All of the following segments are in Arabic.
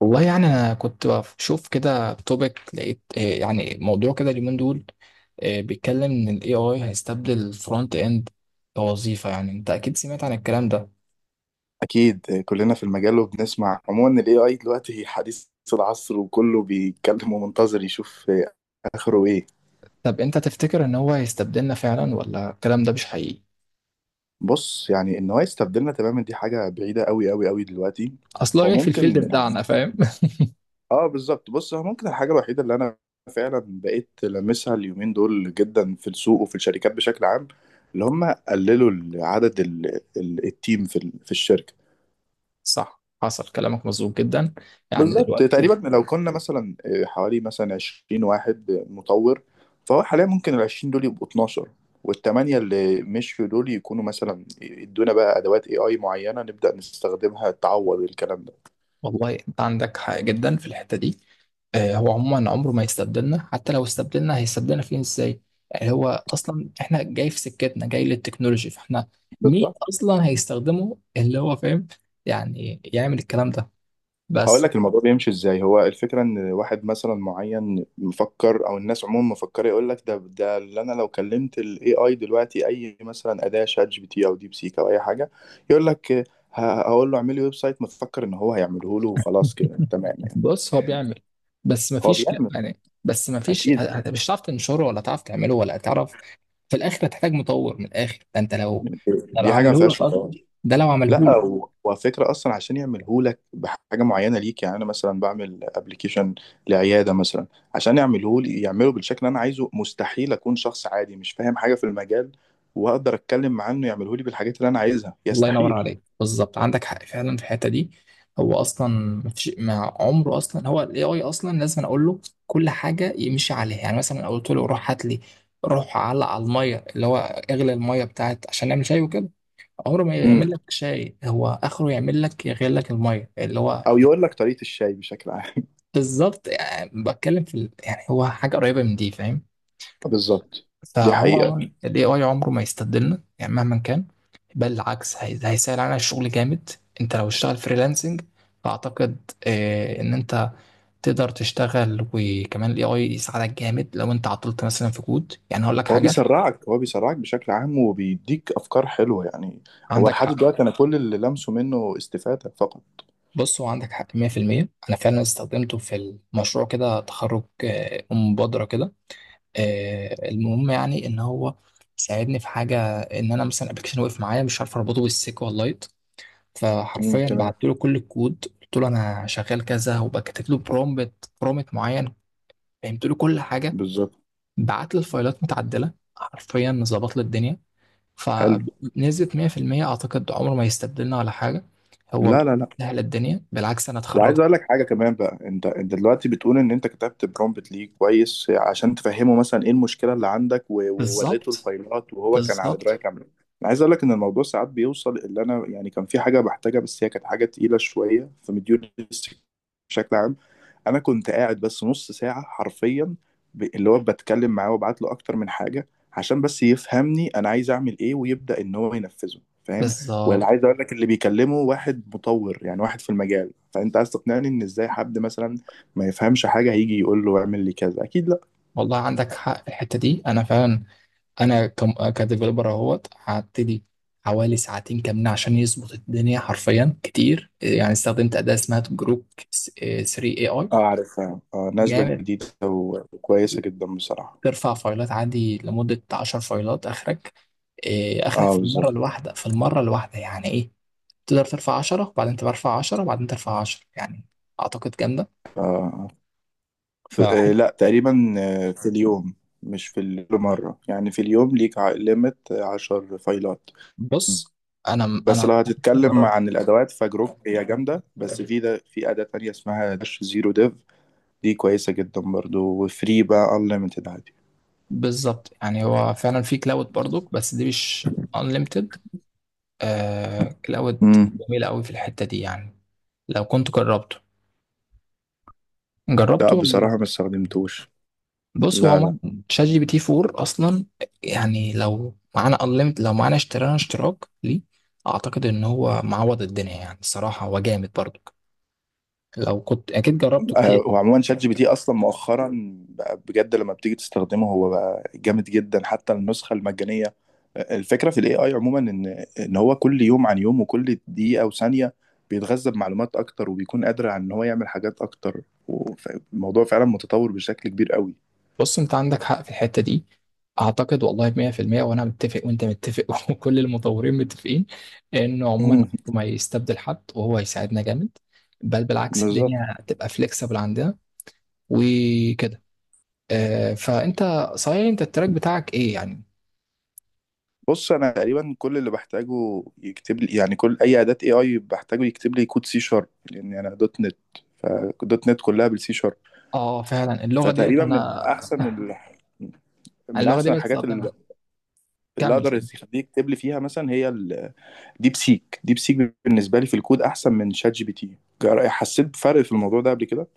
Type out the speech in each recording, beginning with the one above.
والله انا كنت بشوف كده توبيك لقيت يعني موضوع كده اليومين دول، بيتكلم ان الاي اي هيستبدل الفرونت اند كوظيفه. انت اكيد سمعت عن الكلام ده. اكيد كلنا في المجال وبنسمع. عموما الاي اي دلوقتي حديث العصر، وكله بيتكلم ومنتظر يشوف اخره ايه. طب انت تفتكر ان هو هيستبدلنا فعلا ولا الكلام ده مش حقيقي؟ بص، يعني ان هو يستبدلنا تماما دي حاجه بعيده قوي قوي قوي دلوقتي. اصلا هو جاي في الفيلد ممكن. بتاعنا، فاهم؟ اه بالظبط، بص هو ممكن. الحاجه الوحيده اللي انا فعلا بقيت لمسها اليومين دول جدا في السوق وفي الشركات بشكل عام، اللي هم قللوا عدد التيم في الشركه. صح، حصل، كلامك مظبوط جدا. يعني بالظبط دلوقتي، تقريبا، لو كنا مثلا حوالي مثلا 20 واحد مطور، فهو حاليا ممكن ال 20 دول يبقوا 12، والثمانية اللي مشيوا دول يكونوا مثلا يدونا بقى أدوات AI معينة نبدأ نستخدمها تعوض الكلام ده. والله انت عندك حق جدا في الحته دي. هو عموما عمره ما يستبدلنا، حتى لو استبدلنا هيستبدلنا فين ازاي؟ يعني هو اصلا احنا جاي في سكتنا، جاي للتكنولوجي، فاحنا مين بالظبط. اصلا هيستخدمه؟ اللي هو فاهم يعني يعمل الكلام ده، هقول بس. لك الموضوع بيمشي ازاي. هو الفكره ان واحد مثلا معين مفكر او الناس عموما مفكره، يقول لك ده اللي انا لو كلمت الاي اي دلوقتي، اي مثلا اداه شات جي بي تي او ديب سيك او اي حاجه، يقول لك. هقول له اعمل لي ويب سايت، مفكر ان هو هيعمله له وخلاص كده تمام يعني. بص، هو بيعمل، بس هو مفيش ك- بيعمل بس مفيش ه- اكيد. ه- مش هتعرف تنشره، ولا هتعرف تعمله، ولا هتعرف. في الاخر هتحتاج مطور من الاخر ده، انت لو، ده لو دي حاجه ما عمله لك فيهاش اصلا، نقاش. ده لو عمله. لا، وفكرة اصلا عشان يعملهولك بحاجه معينه ليك، يعني انا مثلا بعمل ابلكيشن لعياده مثلا. عشان يعمله لي يعمله بالشكل اللي انا عايزه، مستحيل اكون شخص عادي مش فاهم حاجه في المجال واقدر اتكلم معاه انه يعمله لي بالحاجات اللي انا عايزها، الله ينور يستحيل. عليك، بالظبط، عندك حق فعلا في الحته دي. هو اصلا مفيش، مع عمره اصلا، هو الاي اي اصلا لازم أنا اقول له كل حاجه يمشي عليها. يعني مثلا أنا قلت له روح هات لي، روح علق على الميه اللي هو، اغلي الميه بتاعت عشان نعمل شاي وكده. عمره ما امم يعمل لك شاي، هو اخره يعمل لك يغلي لك الميه اللي هو. او يقول لك طريقه الشاي بشكل عام. بالظبط، يعني بتكلم في ال- هو حاجه قريبه من دي، فاهم؟ بالظبط. دي فهو حقيقه. عموما ال AI عمره ما يستبدلنا يعني مهما كان. بل العكس، هي- هيسهل علينا الشغل جامد. انت لو اشتغل فريلانسنج، فاعتقد، ان انت تقدر تشتغل، وكمان الاي اي يساعدك جامد. لو انت عطلت مثلا في كود، يعني هقول لك حاجه. هو بيسرعك بشكل عام وبيديك افكار حلوه يعني. هو عندك لحد حق. دلوقتي انا كل اللي لمسه منه استفاده فقط. بص، هو عندك حق 100%. انا فعلا استخدمته في المشروع كده تخرج، مبادره كده. المهم يعني ان هو ساعدني في حاجه، ان انا مثلا ابلكيشن وقف معايا، مش عارف اربطه بالسيكوال لايت. فحرفيا تمام. بعت له كل الكود، قلت له انا شغال كذا، وبكتب له برومبت معين. فهمت له كل حاجه. بالظبط. بعت لي الفايلات متعدله، حرفيا ظبط لي الدنيا. حلو. فنزلت 100%. اعتقد عمره ما يستبدلنا ولا حاجه. هو لا لا لا. سهل الدنيا، بالعكس انا وعايز اتخرجت. اقول لك حاجه كمان بقى. انت دلوقتي بتقول ان انت كتبت برومبت ليه كويس عشان تفهمه مثلا ايه المشكله اللي عندك، ووريته بالظبط، الفايلات وهو كان على درايه بالظبط، كامله. انا عايز اقول لك ان الموضوع ساعات بيوصل اللي انا يعني كان في حاجه بحتاجها، بس هي كانت حاجه تقيله شويه في مديول بشكل عام. انا كنت قاعد بس نص ساعه حرفيا، اللي هو بتكلم معاه وابعت له اكتر من حاجه عشان بس يفهمني انا عايز اعمل ايه ويبدا ان هو ينفذه، فاهم؟ ولا بالظبط. عايز اقول لك، اللي بيكلمه واحد مطور يعني واحد في المجال، فانت عايز تقنعني ان ازاي حد مثلا ما يفهمش حاجه هيجي يقول له اعمل لي كذا؟ اكيد لا. والله عندك حق في الحته دي انا فعلا. انا كم كديفلوبر اهوت هبتدي حوالي ساعتين كاملة عشان يظبط الدنيا، حرفيا كتير. يعني استخدمت أداة اسمها جروب 3 اي اي، اه عارفها. اه نازله جامد. جديده وكويسه جدا بصراحه. ترفع فايلات عادي لمدة 10 فايلات اخرك، اخرك اه في المرة بالظبط. الواحدة، يعني ايه. تقدر ترفع 10 وبعدين ترفع 10 وبعدين ترفع 10 يعني. اعتقد جامدة آه. فحته. لا تقريبا، في اليوم. مش في اليوم مرة، يعني في اليوم ليك ليميت 10 فايلات. بص، انا بس انا لو هتتكلم مجرب. عن الادوات فجروب هي جامده، بس في اداه تانية اسمها داش زيرو ديف. دي كويسه جدا برضو وفري بقى انليمتد عادي. بالظبط، يعني هو فعلا في كلاود برضو، بس دي مش unlimited. آه كلاود امم. جميل قوي في الحتة دي يعني لو كنت جربته. لا جربته ولا لأ؟ بصراحه ما استخدمتوش. بص هو لا لا. عموما شات جي بي تي 4 اصلا، يعني لو معانا unlimited، لو معانا اشترينا اشتراك ليه. اعتقد ان هو معوض الدنيا، يعني الصراحة هو جامد برضو، لو كنت اكيد جربته كتير. وعموما شات جي بي تي اصلا مؤخرا بقى بجد، لما بتيجي تستخدمه هو بقى جامد جدا حتى النسخه المجانيه. الفكره في الاي اي عموما ان هو كل يوم عن يوم، وكل دقيقه وثانيه بيتغذى بمعلومات اكتر وبيكون قادر على ان هو يعمل حاجات اكتر. والموضوع فعلا متطور بشكل كبير قوي. بص انت عندك حق في الحتة دي، اعتقد والله 100%. وانا متفق وانت متفق وكل المطورين متفقين انه عموما مم. أمره ما يستبدل حد، وهو هيساعدنا جامد. بل بالعكس الدنيا بالظبط. هتبقى فليكسبل عندنا وكده. فانت، صحيح انت التراك بتاعك ايه يعني؟ بص، انا تقريبا كل اللي بحتاجه يكتب لي، يعني كل اي اداه اي اي بحتاجه يكتب لي كود سي شارب لان انا دوت نت، فدوت نت كلها بالسي شارب. اه فعلا اللغه ديت فتقريبا من انا، احسن من اللغه دي احسن الحاجات اللي بستخدمها. اللي كمل اقدر كده. يخليك تكتب لي فيها مثلا هي الديب سيك ديب سيك بالنسبه لي في الكود احسن من شات جي بي تي. حسيت بفرق في الموضوع ده قبل كده.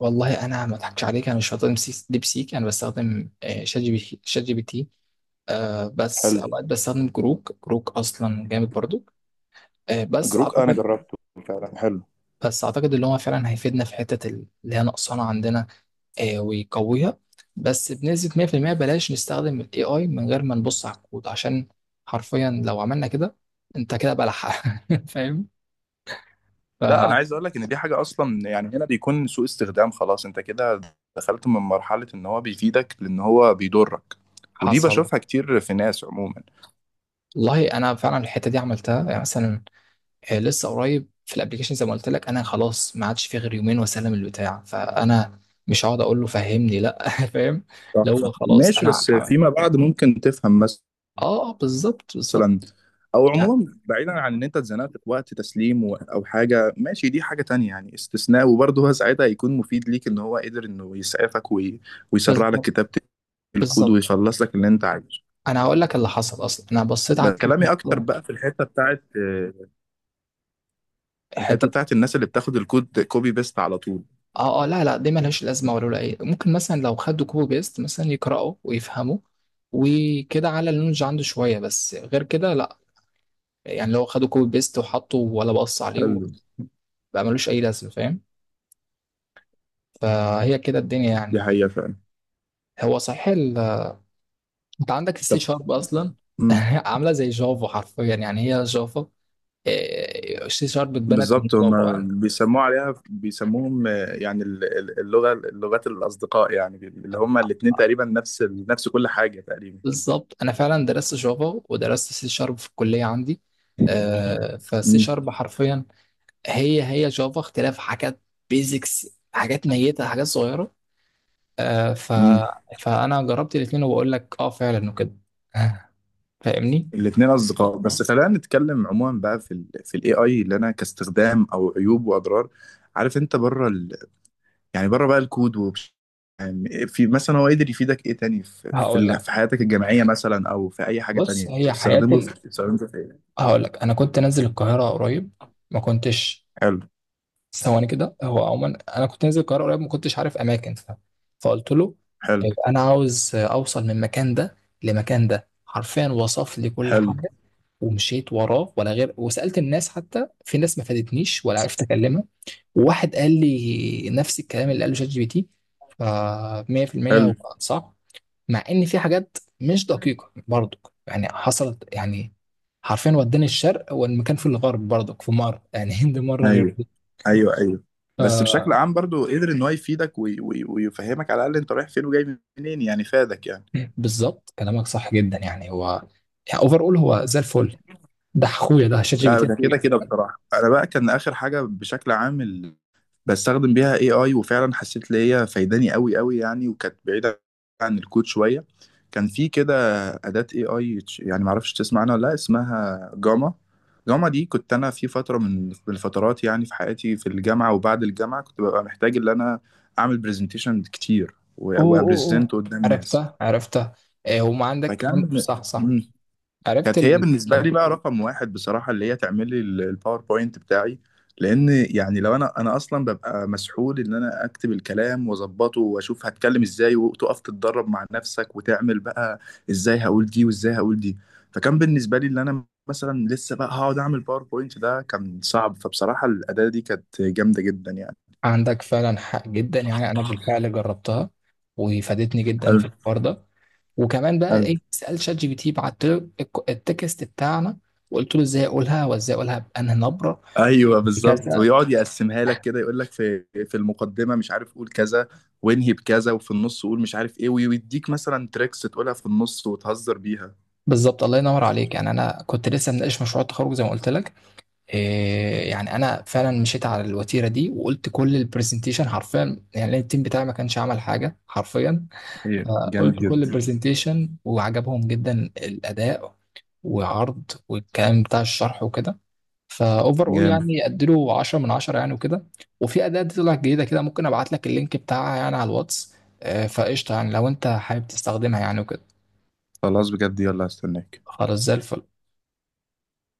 والله انا ما اضحكش عليك، انا مش بستخدم سي- ديب سيك، انا بستخدم شات جي بي تي، شات جي بي تي. آه بس حلو. اوقات بستخدم كروك، كروك اصلا جامد برضو. آه بس جروك انا اعتقد، جربته، فعلا حلو. بس اعتقد اللي هو فعلا هيفيدنا في حته، اللي هي نقصانه عندنا، ويقويها. بس بنسبة 100% بلاش نستخدم ال AI من غير ما نبص على الكود، عشان حرفيا لو عملنا كده انت كده بلح. فاهم؟ لا، انا عايز اقول لك ان دي حاجه اصلا، يعني هنا بيكون سوء استخدام. خلاص انت كده دخلت من مرحله ان هو بيفيدك لان هو بيضرك. ودي فحصل. بشوفها كتير في ناس عموما. والله انا فعلا الحتة دي عملتها، يعني مثلا لسه قريب في الابليكيشن زي ما قلت لك، انا خلاص ما عادش في غير يومين واسلم البتاع، فانا مش هقعد اقول له فهمني لا. فاهم؟ صح اللي صح. هو خلاص ماشي، انا عم- بس اه، فيما بعد ممكن تفهم مثلا. بالظبط بالظبط. مثلا. او يعني عموما بعيدا عن ان انت اتزنقت في وقت تسليم او حاجه، ماشي دي حاجه تانية يعني استثناء، وبرضه هو ساعتها هيكون مفيد ليك ان هو قدر انه يسعفك ويسرع لك بالظبط كتابه الكود بالظبط. ويخلص لك اللي انت عايزه. انا هقول لك اللي حصل، اصلا انا بصيت على بس الكود كلامي اكتر مرة، بقى في الحته حته. بتاعت الناس اللي بتاخد الكود كوبي بيست على طول. اه اه، لا لا، دي ملهاش لازمه، ولا ولا ايه ممكن مثلا لو خدوا كوبي بيست مثلا يقراوا ويفهموا وكده، على النولج عنده شويه. بس غير كده لا، يعني لو خدوا كوبي بيست وحطوا، ولا بقص عليه وبقى حلو. ملوش اي لازمه، فاهم؟ فهي كده الدنيا دي يعني في حقيقه ال... فعلا. هو صحيح ال... انت عندك السي طب. شارب اصلا. مم. عامله زي جافا حرفيا، يعني هي جافا. السي شارب اتبنت من بالظبط. هم جافا يعني. بيسموه عليها بيسموهم، يعني ال- ال- اللغة اللغات الأصدقاء، يعني اللي هم الاتنين تقريبا نفس كل حاجة تقريبا. بالظبط، انا فعلا درست جافا ودرست سي شارب في الكليه عندي. فالسي امم. شارب حرفيا هي هي جافا، اختلاف حاجات بيزكس، حاجات ميتة، حاجات صغيرة. آه ف... امم. فأنا جربت الاتنين وبقول لك اه فعلا وكده. آه، فاهمني. الاتنين أصدقاء، بس خلينا نتكلم عموما بقى في الاي اي، اللي أنا كاستخدام أو عيوب وأضرار. عارف، أنت بره ال يعني بره بقى الكود، يعني في، مثلا هو قدر يفيدك ايه تاني هقول لك. في حياتك الجامعية مثلا، أو في أي حاجة بص تانية هي حياة ال... استخدمه في ايه؟ هقول لك أنا كنت نازل القاهرة قريب، ما كنتش، حلو ثواني كده. هو عموما أنا كنت نازل القاهرة قريب، ما كنتش عارف أماكن ف... فقلت له حلو طيب أنا عاوز أوصل من المكان ده لمكان ده، حرفيا وصف لي كل حلو حاجة. ومشيت وراه، ولا غير، وسألت الناس، حتى في ناس ما فادتنيش ولا عرفت أكلمها، وواحد قال لي نفس الكلام اللي قاله شات جي بي تي. ف 100% حلو. هو كان صح، مع ان في حاجات مش دقيقه برضك، يعني حصلت يعني، حرفيا وداني الشرق والمكان في الغرب، برضك في مره، يعني هند مره غير ايوه دي. ايوه ايوه. بس بشكل ف عام برضو قدر ان هو يفيدك ويفهمك على الاقل انت رايح فين وجاي منين، يعني فادك يعني. بالظبط، كلامك صح جدا. يعني هو يعني اوفر اول هو زي الفل، ده اخويا، ده شات جي بي لا تي ده اخويا. كده كده، بصراحة أنا بقى كان آخر حاجة بشكل عام بستخدم بيها اي اي، وفعلا حسيت ان هي فايداني قوي قوي يعني، وكانت بعيدة عن الكود شوية. كان في كده أداة اي اي، يعني معرفش تسمع عنها ولا لا، اسمها جاما. جاما دي كنت أنا في فترة من الفترات يعني، في حياتي في الجامعة وبعد الجامعة كنت ببقى محتاج إن أنا أعمل برزنتيشن كتير اوه اوه وأبرزنت اوه، قدام ناس. عرفته عرفته. وما عندك عندك، فكان. صح صح. مم. عرفت كانت هي ال... بالنسبه لي بقى رقم واحد بصراحه، اللي هي تعمل لي الباوربوينت بتاعي. لان يعني لو انا اصلا ببقى مسحول ان انا اكتب الكلام واظبطه واشوف هتكلم ازاي وتقف تتدرب مع نفسك وتعمل بقى ازاي هقول دي وازاي هقول دي. فكان بالنسبه لي ان انا مثلا لسه بقى هقعد اعمل باوربوينت، ده كان صعب، فبصراحه الاداه دي كانت جامده جدا يعني. عندك فعلا حق جدا، يعني انا بالفعل جربتها وفادتني جدا حلو في الحوار ده. وكمان بقى حلو. ايه، سال شات جي بي تي، بعت له الك- التكست بتاعنا، وقلت له ازاي اقولها، وازاي اقولها بانهي نبره، ايوه بالظبط، بكذا. ويقعد يقسمها لك كده، يقول لك في المقدمه مش عارف قول كذا، وانهي بكذا، وفي النص قول مش عارف ايه، ويديك مثلا تريكس تقولها في النص وتهزر بيها. بالظبط، الله ينور عليك. يعني انا كنت لسه مناقش مشروع التخرج زي ما قلت لك. إيه، يعني انا فعلا مشيت على الوتيره دي وقلت كل البرزنتيشن حرفيا، يعني التيم بتاعي ما كانش عمل حاجه حرفيا. ايه جامد فقلت كل جدا. البرزنتيشن وعجبهم جدا الأداء وعرض والكلام بتاع الشرح وكده. فاوفر اول جامد يعني اديله 10 من 10 يعني وكده. وفي اداة طلعت جديدة كده، ممكن ابعت لك اللينك بتاعها يعني على الواتس. فقشطة يعني لو انت حابب تستخدمها يعني وكده. خلاص بجد، يلا استناك. خلاص زي الفل.